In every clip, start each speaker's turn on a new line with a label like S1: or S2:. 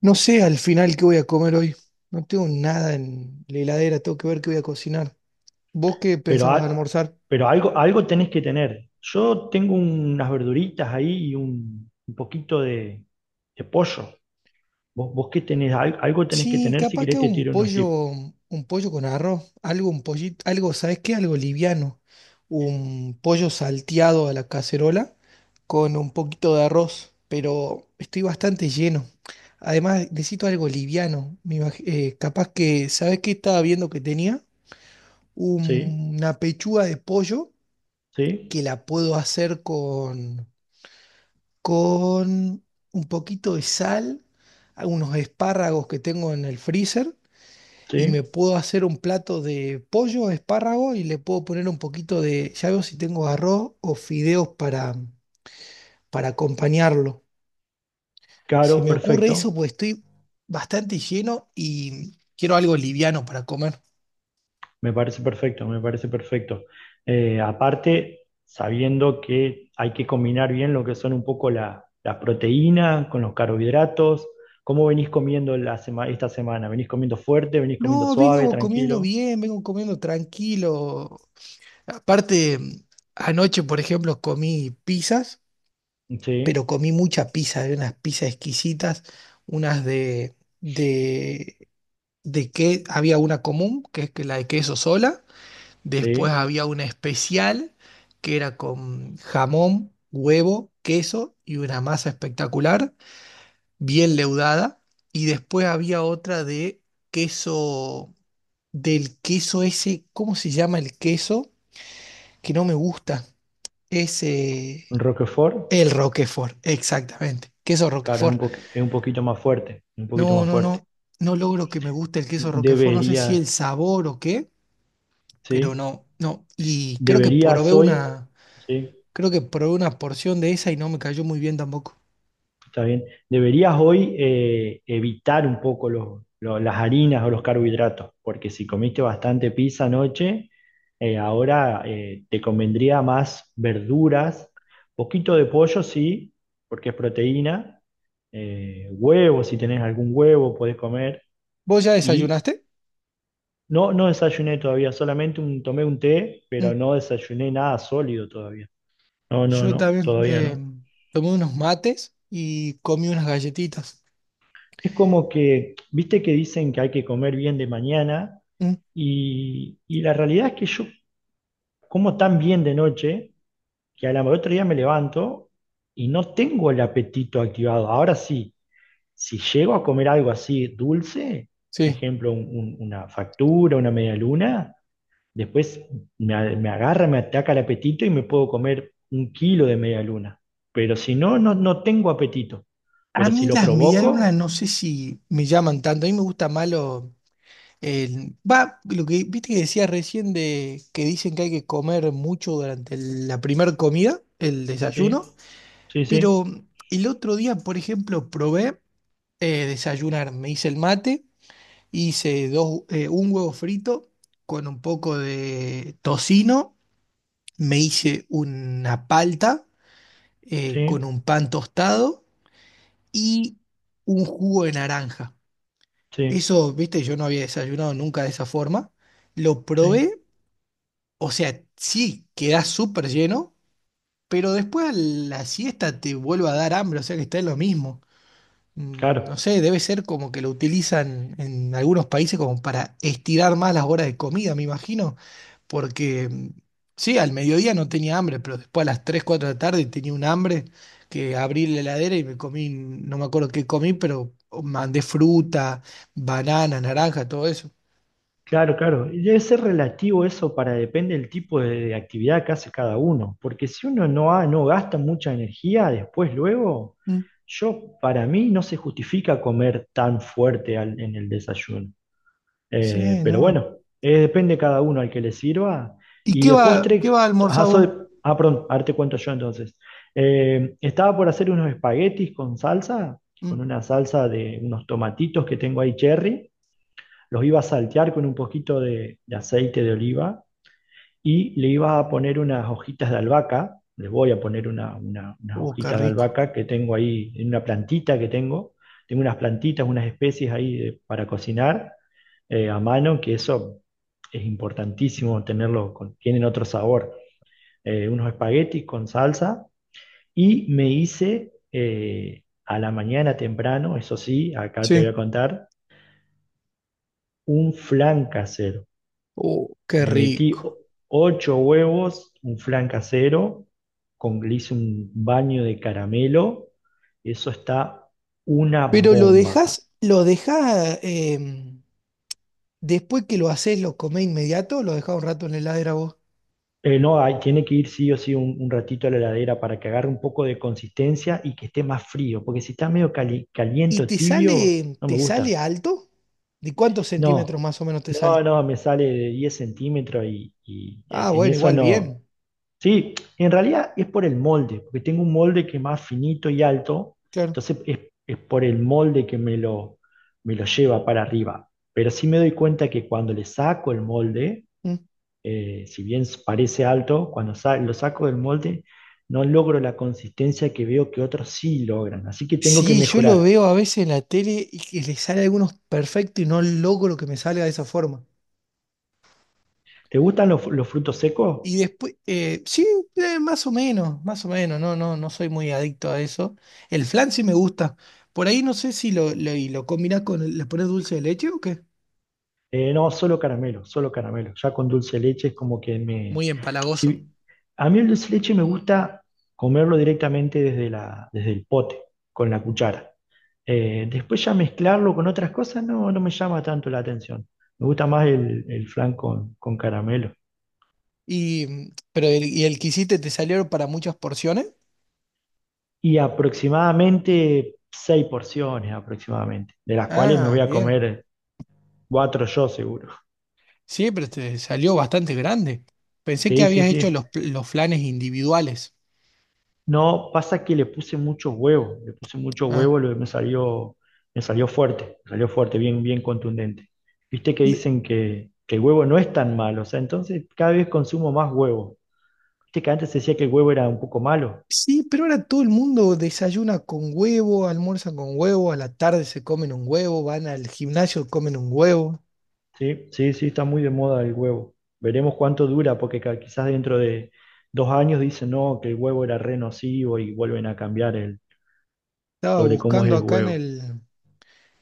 S1: No sé al final qué voy a comer hoy. No tengo nada en la heladera, tengo que ver qué voy a cocinar. ¿Vos qué
S2: Pero,
S1: pensabas
S2: a-
S1: almorzar?
S2: pero algo, algo tenés que tener. Yo tengo unas verduritas ahí y un poquito de pollo. Vos qué tenés, algo tenés que
S1: Sí,
S2: tener si
S1: capaz que
S2: querés
S1: hago
S2: te tiro unos tips.
S1: un pollo con arroz, algo, un pollito, algo, ¿sabes qué? Algo liviano. Un pollo salteado a la cacerola con un poquito de arroz, pero estoy bastante lleno. Además, necesito algo liviano. Capaz que, ¿sabes qué estaba viendo que tenía?
S2: Sí,
S1: Una pechuga de pollo
S2: sí,
S1: que la puedo hacer con un poquito de sal, unos espárragos que tengo en el freezer, y me
S2: sí.
S1: puedo hacer un plato de pollo, espárrago, y le puedo poner un poquito de, ya veo si tengo arroz o fideos para acompañarlo. Se
S2: Claro,
S1: me ocurre
S2: perfecto.
S1: eso, pues estoy bastante lleno y quiero algo liviano para comer.
S2: Me parece perfecto, me parece perfecto. Aparte, sabiendo que hay que combinar bien lo que son un poco las proteínas con los carbohidratos. ¿Cómo venís comiendo la esta semana? ¿Venís comiendo fuerte? ¿Venís comiendo
S1: No,
S2: suave,
S1: vengo comiendo
S2: tranquilo?
S1: bien, vengo comiendo tranquilo. Aparte, anoche, por ejemplo, comí pizzas pero
S2: Sí.
S1: comí mucha pizza, había unas pizzas exquisitas, unas de, de que había una común, que es que la de queso sola, después
S2: Sí,
S1: había una especial, que era con jamón, huevo, queso y una masa espectacular, bien leudada, y después había otra de queso, del queso ese, ¿cómo se llama el queso? Que no me gusta, ese...
S2: Roquefort,
S1: El Roquefort, exactamente. Queso
S2: claro, es
S1: Roquefort.
S2: es un poquito más fuerte, un poquito
S1: No,
S2: más
S1: no,
S2: fuerte.
S1: no, no logro que me guste el queso Roquefort, no sé si
S2: Deberías,
S1: el sabor o qué, pero
S2: sí,
S1: no, no. Y
S2: deberías hoy, sí,
S1: creo que probé una porción de esa y no me cayó muy bien tampoco.
S2: está bien, deberías hoy evitar un poco las harinas o los carbohidratos, porque si comiste bastante pizza anoche, ahora te convendría más verduras, poquito de pollo, sí, porque es proteína, huevo, si tenés algún huevo, podés comer
S1: ¿Vos ya
S2: y
S1: desayunaste?
S2: No, no desayuné todavía, solamente tomé un té,
S1: Mm.
S2: pero no desayuné nada sólido todavía. No, no,
S1: Yo
S2: no,
S1: también
S2: todavía no.
S1: tomé unos mates y comí unas galletitas.
S2: Es como que, viste que dicen que hay que comer bien de mañana
S1: Mm.
S2: y la realidad es que yo como tan bien de noche que a la otro día me levanto y no tengo el apetito activado. Ahora sí, si llego a comer algo así dulce,
S1: Sí.
S2: ejemplo, una factura, una media luna. Después me agarra, me ataca el apetito y me puedo comer un kilo de media luna. Pero si no, no tengo apetito.
S1: A
S2: Pero si
S1: mí
S2: lo
S1: las medialunas
S2: provoco,
S1: no sé si me llaman tanto, a mí me gusta más lo- El, va, lo que viste que decías recién de que dicen que hay que comer mucho durante el- la primera comida, el desayuno,
S2: sí, sí, sí,
S1: pero el otro día, por ejemplo, probé desayunar, me hice el mate, hice dos, un huevo frito con un poco de tocino, me hice una palta con
S2: sí,
S1: un pan tostado y un jugo de naranja.
S2: sí,
S1: Eso, viste, yo no había desayunado nunca de esa forma. Lo
S2: sí.
S1: probé. O sea, sí, quedás súper lleno, pero después a la siesta te vuelve a dar hambre, o sea que está en lo mismo. Mm, no
S2: Claro,
S1: sé, debe ser como que lo utilizan en algunos países como para estirar más las horas de comida, me imagino, porque sí, al mediodía no tenía hambre, pero después a las 3, 4 de la tarde tenía un hambre que abrí la heladera y me comí, no me acuerdo qué comí, pero mandé fruta, banana, naranja, todo eso.
S2: claro. Y debe ser relativo eso para depende del tipo de actividad que hace cada uno. Porque si uno no, no gasta mucha energía, después, luego,
S1: Mm.
S2: yo, para mí, no se justifica comer tan fuerte en el desayuno. Eh,
S1: Sí,
S2: pero
S1: no.
S2: bueno, eh, depende de cada uno al que le sirva.
S1: ¿Y
S2: Y de
S1: qué
S2: postre,
S1: va a almorzar
S2: ah, soy,
S1: vos?
S2: perdón, ahora te cuento yo entonces. Estaba por hacer unos espaguetis con salsa, con
S1: Mm.
S2: una salsa de unos tomatitos que tengo ahí cherry. Los iba a saltear con un poquito de aceite de oliva y le iba a poner unas hojitas de albahaca. Les voy a poner unas
S1: Qué
S2: hojitas de
S1: rico.
S2: albahaca que tengo ahí en una plantita que tengo. Tengo unas plantitas, unas especies ahí para cocinar a mano, que eso es importantísimo tenerlo, tienen otro sabor. Unos espaguetis con salsa y me hice a la mañana temprano, eso sí, acá te voy
S1: Sí.
S2: a contar, un flan casero.
S1: Qué
S2: Le metí o-
S1: rico.
S2: 8 huevos, un flan casero, con, le hice un baño de caramelo, eso está una
S1: Pero
S2: bomba.
S1: lo dejás, después que lo haces, lo comés inmediato, lo dejás un rato en la heladera vos.
S2: No, hay- Tiene que ir sí o sí un ratito a la heladera para que agarre un poco de consistencia y que esté más frío, porque si está medio
S1: ¿Y
S2: caliente o tibio, no me
S1: te sale
S2: gusta.
S1: alto? ¿De cuántos centímetros
S2: No,
S1: más o menos te
S2: no,
S1: sale?
S2: no, me sale de 10 centímetros
S1: Ah,
S2: en
S1: bueno,
S2: eso
S1: igual
S2: no.
S1: bien.
S2: Sí, en realidad es por el molde, porque tengo un molde que es más finito y alto,
S1: Claro.
S2: entonces es por el molde que me me lo lleva para arriba. Pero sí me doy cuenta que cuando le saco el molde,
S1: Mm.
S2: si bien parece alto, cuando lo saco del molde, no logro la consistencia que veo que otros sí logran. Así que tengo que
S1: Sí, yo lo
S2: mejorar.
S1: veo a veces en la tele y que le sale a algunos perfecto y no logro que me salga de esa forma.
S2: ¿Te gustan los frutos secos?
S1: Y después, sí, más o menos, no, no, no soy muy adicto a eso. El flan sí me gusta. Por ahí no sé si y lo combinás con, el- le pones dulce de leche o qué.
S2: No, solo caramelo, solo caramelo. Ya con dulce de leche es como que me...
S1: Muy empalagoso.
S2: si- a mí el dulce de leche me gusta comerlo directamente desde desde el pote, con la cuchara. Después ya mezclarlo con otras cosas no, no me llama tanto la atención. Me gusta más el flan con caramelo.
S1: Y, mm, pero el, y el que hiciste te salió para muchas porciones.
S2: Y aproximadamente 6 porciones, aproximadamente, de las cuales me
S1: Ah,
S2: voy a
S1: bien.
S2: comer cuatro yo seguro.
S1: Sí, pero te salió bastante grande. Pensé que
S2: Sí, sí,
S1: habías
S2: sí.
S1: hecho los, pl- los flanes individuales.
S2: No, pasa que le puse mucho huevo, le puse mucho
S1: Ah.
S2: huevo, me salió fuerte, bien, bien contundente. Viste que dicen que el huevo no es tan malo, o sea, entonces cada vez consumo más huevo. Viste que antes se decía que el huevo era un poco malo.
S1: Sí, pero ahora todo el mundo desayuna con huevo, almuerza con huevo, a la tarde se comen un huevo, van al gimnasio, comen un huevo.
S2: Sí, está muy de moda el huevo. Veremos cuánto dura, porque quizás dentro de 2 años dicen no, que el huevo era re nocivo y vuelven a cambiar
S1: Estaba
S2: sobre cómo es
S1: buscando
S2: el
S1: acá en
S2: huevo.
S1: el,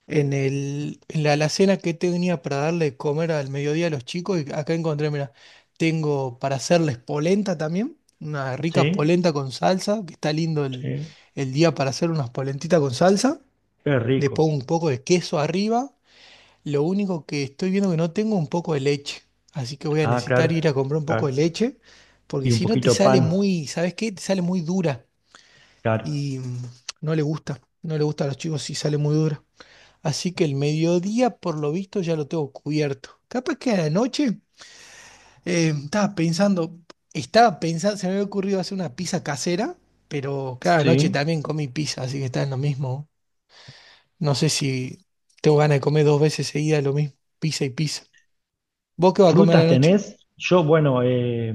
S1: en el, en la alacena que tenía para darle de comer al mediodía a los chicos y acá encontré, mira, tengo para hacerles polenta también, una rica
S2: Sí,
S1: polenta con salsa, que está lindo
S2: sí,
S1: el día para hacer unas polentitas con salsa.
S2: qué
S1: Le
S2: rico.
S1: pongo un poco de queso arriba. Lo único que estoy viendo que no tengo un poco de leche, así que voy a
S2: Ah, claro,
S1: necesitar ir a comprar un poco de
S2: claro.
S1: leche, porque
S2: Y un
S1: si no te
S2: poquito de
S1: sale
S2: pan,
S1: muy, ¿sabes qué? Te sale muy dura
S2: claro.
S1: y mm, no le gusta a los chicos si sale muy dura. Así que el mediodía, por lo visto, ya lo tengo cubierto. Capaz que a la noche eh, estaba pensando, estaba pensando, se me había ocurrido hacer una pizza casera, pero cada noche
S2: Sí,
S1: también comí pizza, así que está en lo mismo. No sé si tengo ganas de comer dos veces seguidas lo mismo, pizza y pizza. ¿Vos qué vas a comer
S2: ¿frutas
S1: anoche?
S2: tenés? Yo, bueno,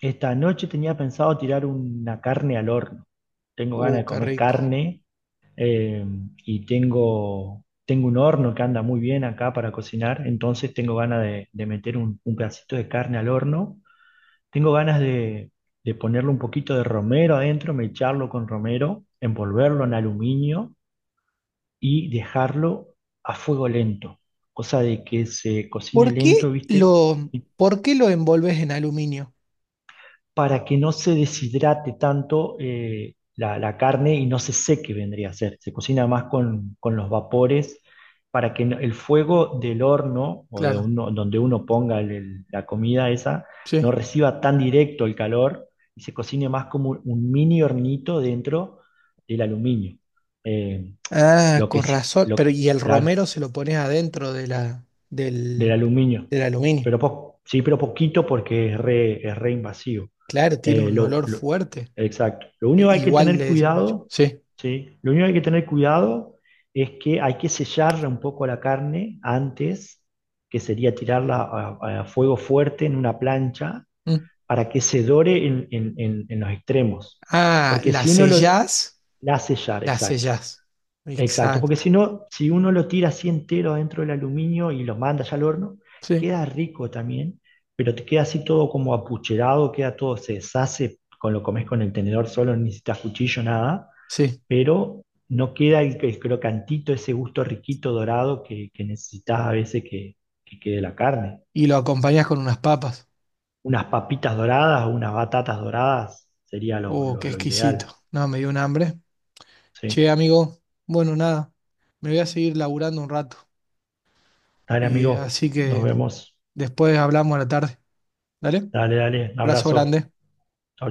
S2: esta noche tenía pensado tirar una carne al horno. Tengo ganas de
S1: Qué
S2: comer
S1: rico.
S2: carne eh, tengo un horno que anda muy bien acá para cocinar, entonces tengo ganas de meter un pedacito de carne al horno. Tengo ganas de ponerle un poquito de romero adentro, mecharlo con romero, envolverlo en aluminio y dejarlo a fuego lento, cosa de que se cocine
S1: ¿Por
S2: lento,
S1: qué
S2: ¿viste?
S1: lo, por qué lo envolves en aluminio?
S2: Para que no se deshidrate tanto la carne y no se seque, vendría a ser. Se cocina más con los vapores para que el fuego del horno o de
S1: Claro,
S2: uno, donde uno ponga la comida esa no
S1: sí.
S2: reciba tan directo el calor y se cocine más como un mini hornito dentro del aluminio. Eh,
S1: Ah,
S2: lo, que
S1: con
S2: sí,
S1: razón.
S2: lo,
S1: Pero y el
S2: claro,
S1: romero se lo pones adentro de la,
S2: del
S1: del,
S2: aluminio.
S1: del aluminio.
S2: Sí, pero poquito porque es re invasivo.
S1: Claro, tiene
S2: Eh,
S1: un
S2: lo,
S1: olor
S2: lo-
S1: fuerte.
S2: exacto. Lo
S1: E-
S2: único que hay que
S1: Igual
S2: tener
S1: de eso. Uy,
S2: cuidado,
S1: sí.
S2: ¿sí? Lo único que hay que tener cuidado es que hay que sellarla un poco la carne antes, que sería tirarla a fuego fuerte en una plancha
S1: Mm.
S2: para que se dore en los extremos.
S1: Ah,
S2: Porque si uno lo... La sellar,
S1: la
S2: exacto.
S1: sellás.
S2: Exacto, porque
S1: Exacto.
S2: si no, si uno lo tira así entero dentro del aluminio y lo manda ya al horno,
S1: Sí.
S2: queda rico también, pero te queda así todo como apucherado, queda todo, se deshace, con lo comes con el tenedor solo, no necesitas cuchillo, nada,
S1: Sí.
S2: pero no queda el crocantito, ese gusto riquito dorado que necesitas a veces que quede la carne.
S1: Y lo acompañás con unas papas.
S2: Unas papitas doradas o unas batatas doradas sería
S1: Oh, qué
S2: lo
S1: exquisito.
S2: ideal.
S1: No, me dio un hambre.
S2: Sí.
S1: Che, amigo, bueno, nada, me voy a seguir laburando un rato
S2: Dale,
S1: y
S2: amigo,
S1: así
S2: nos
S1: que
S2: vemos.
S1: después hablamos a la tarde. ¿Dale?
S2: Dale, dale, un
S1: Abrazo
S2: abrazo. Chau,
S1: grande.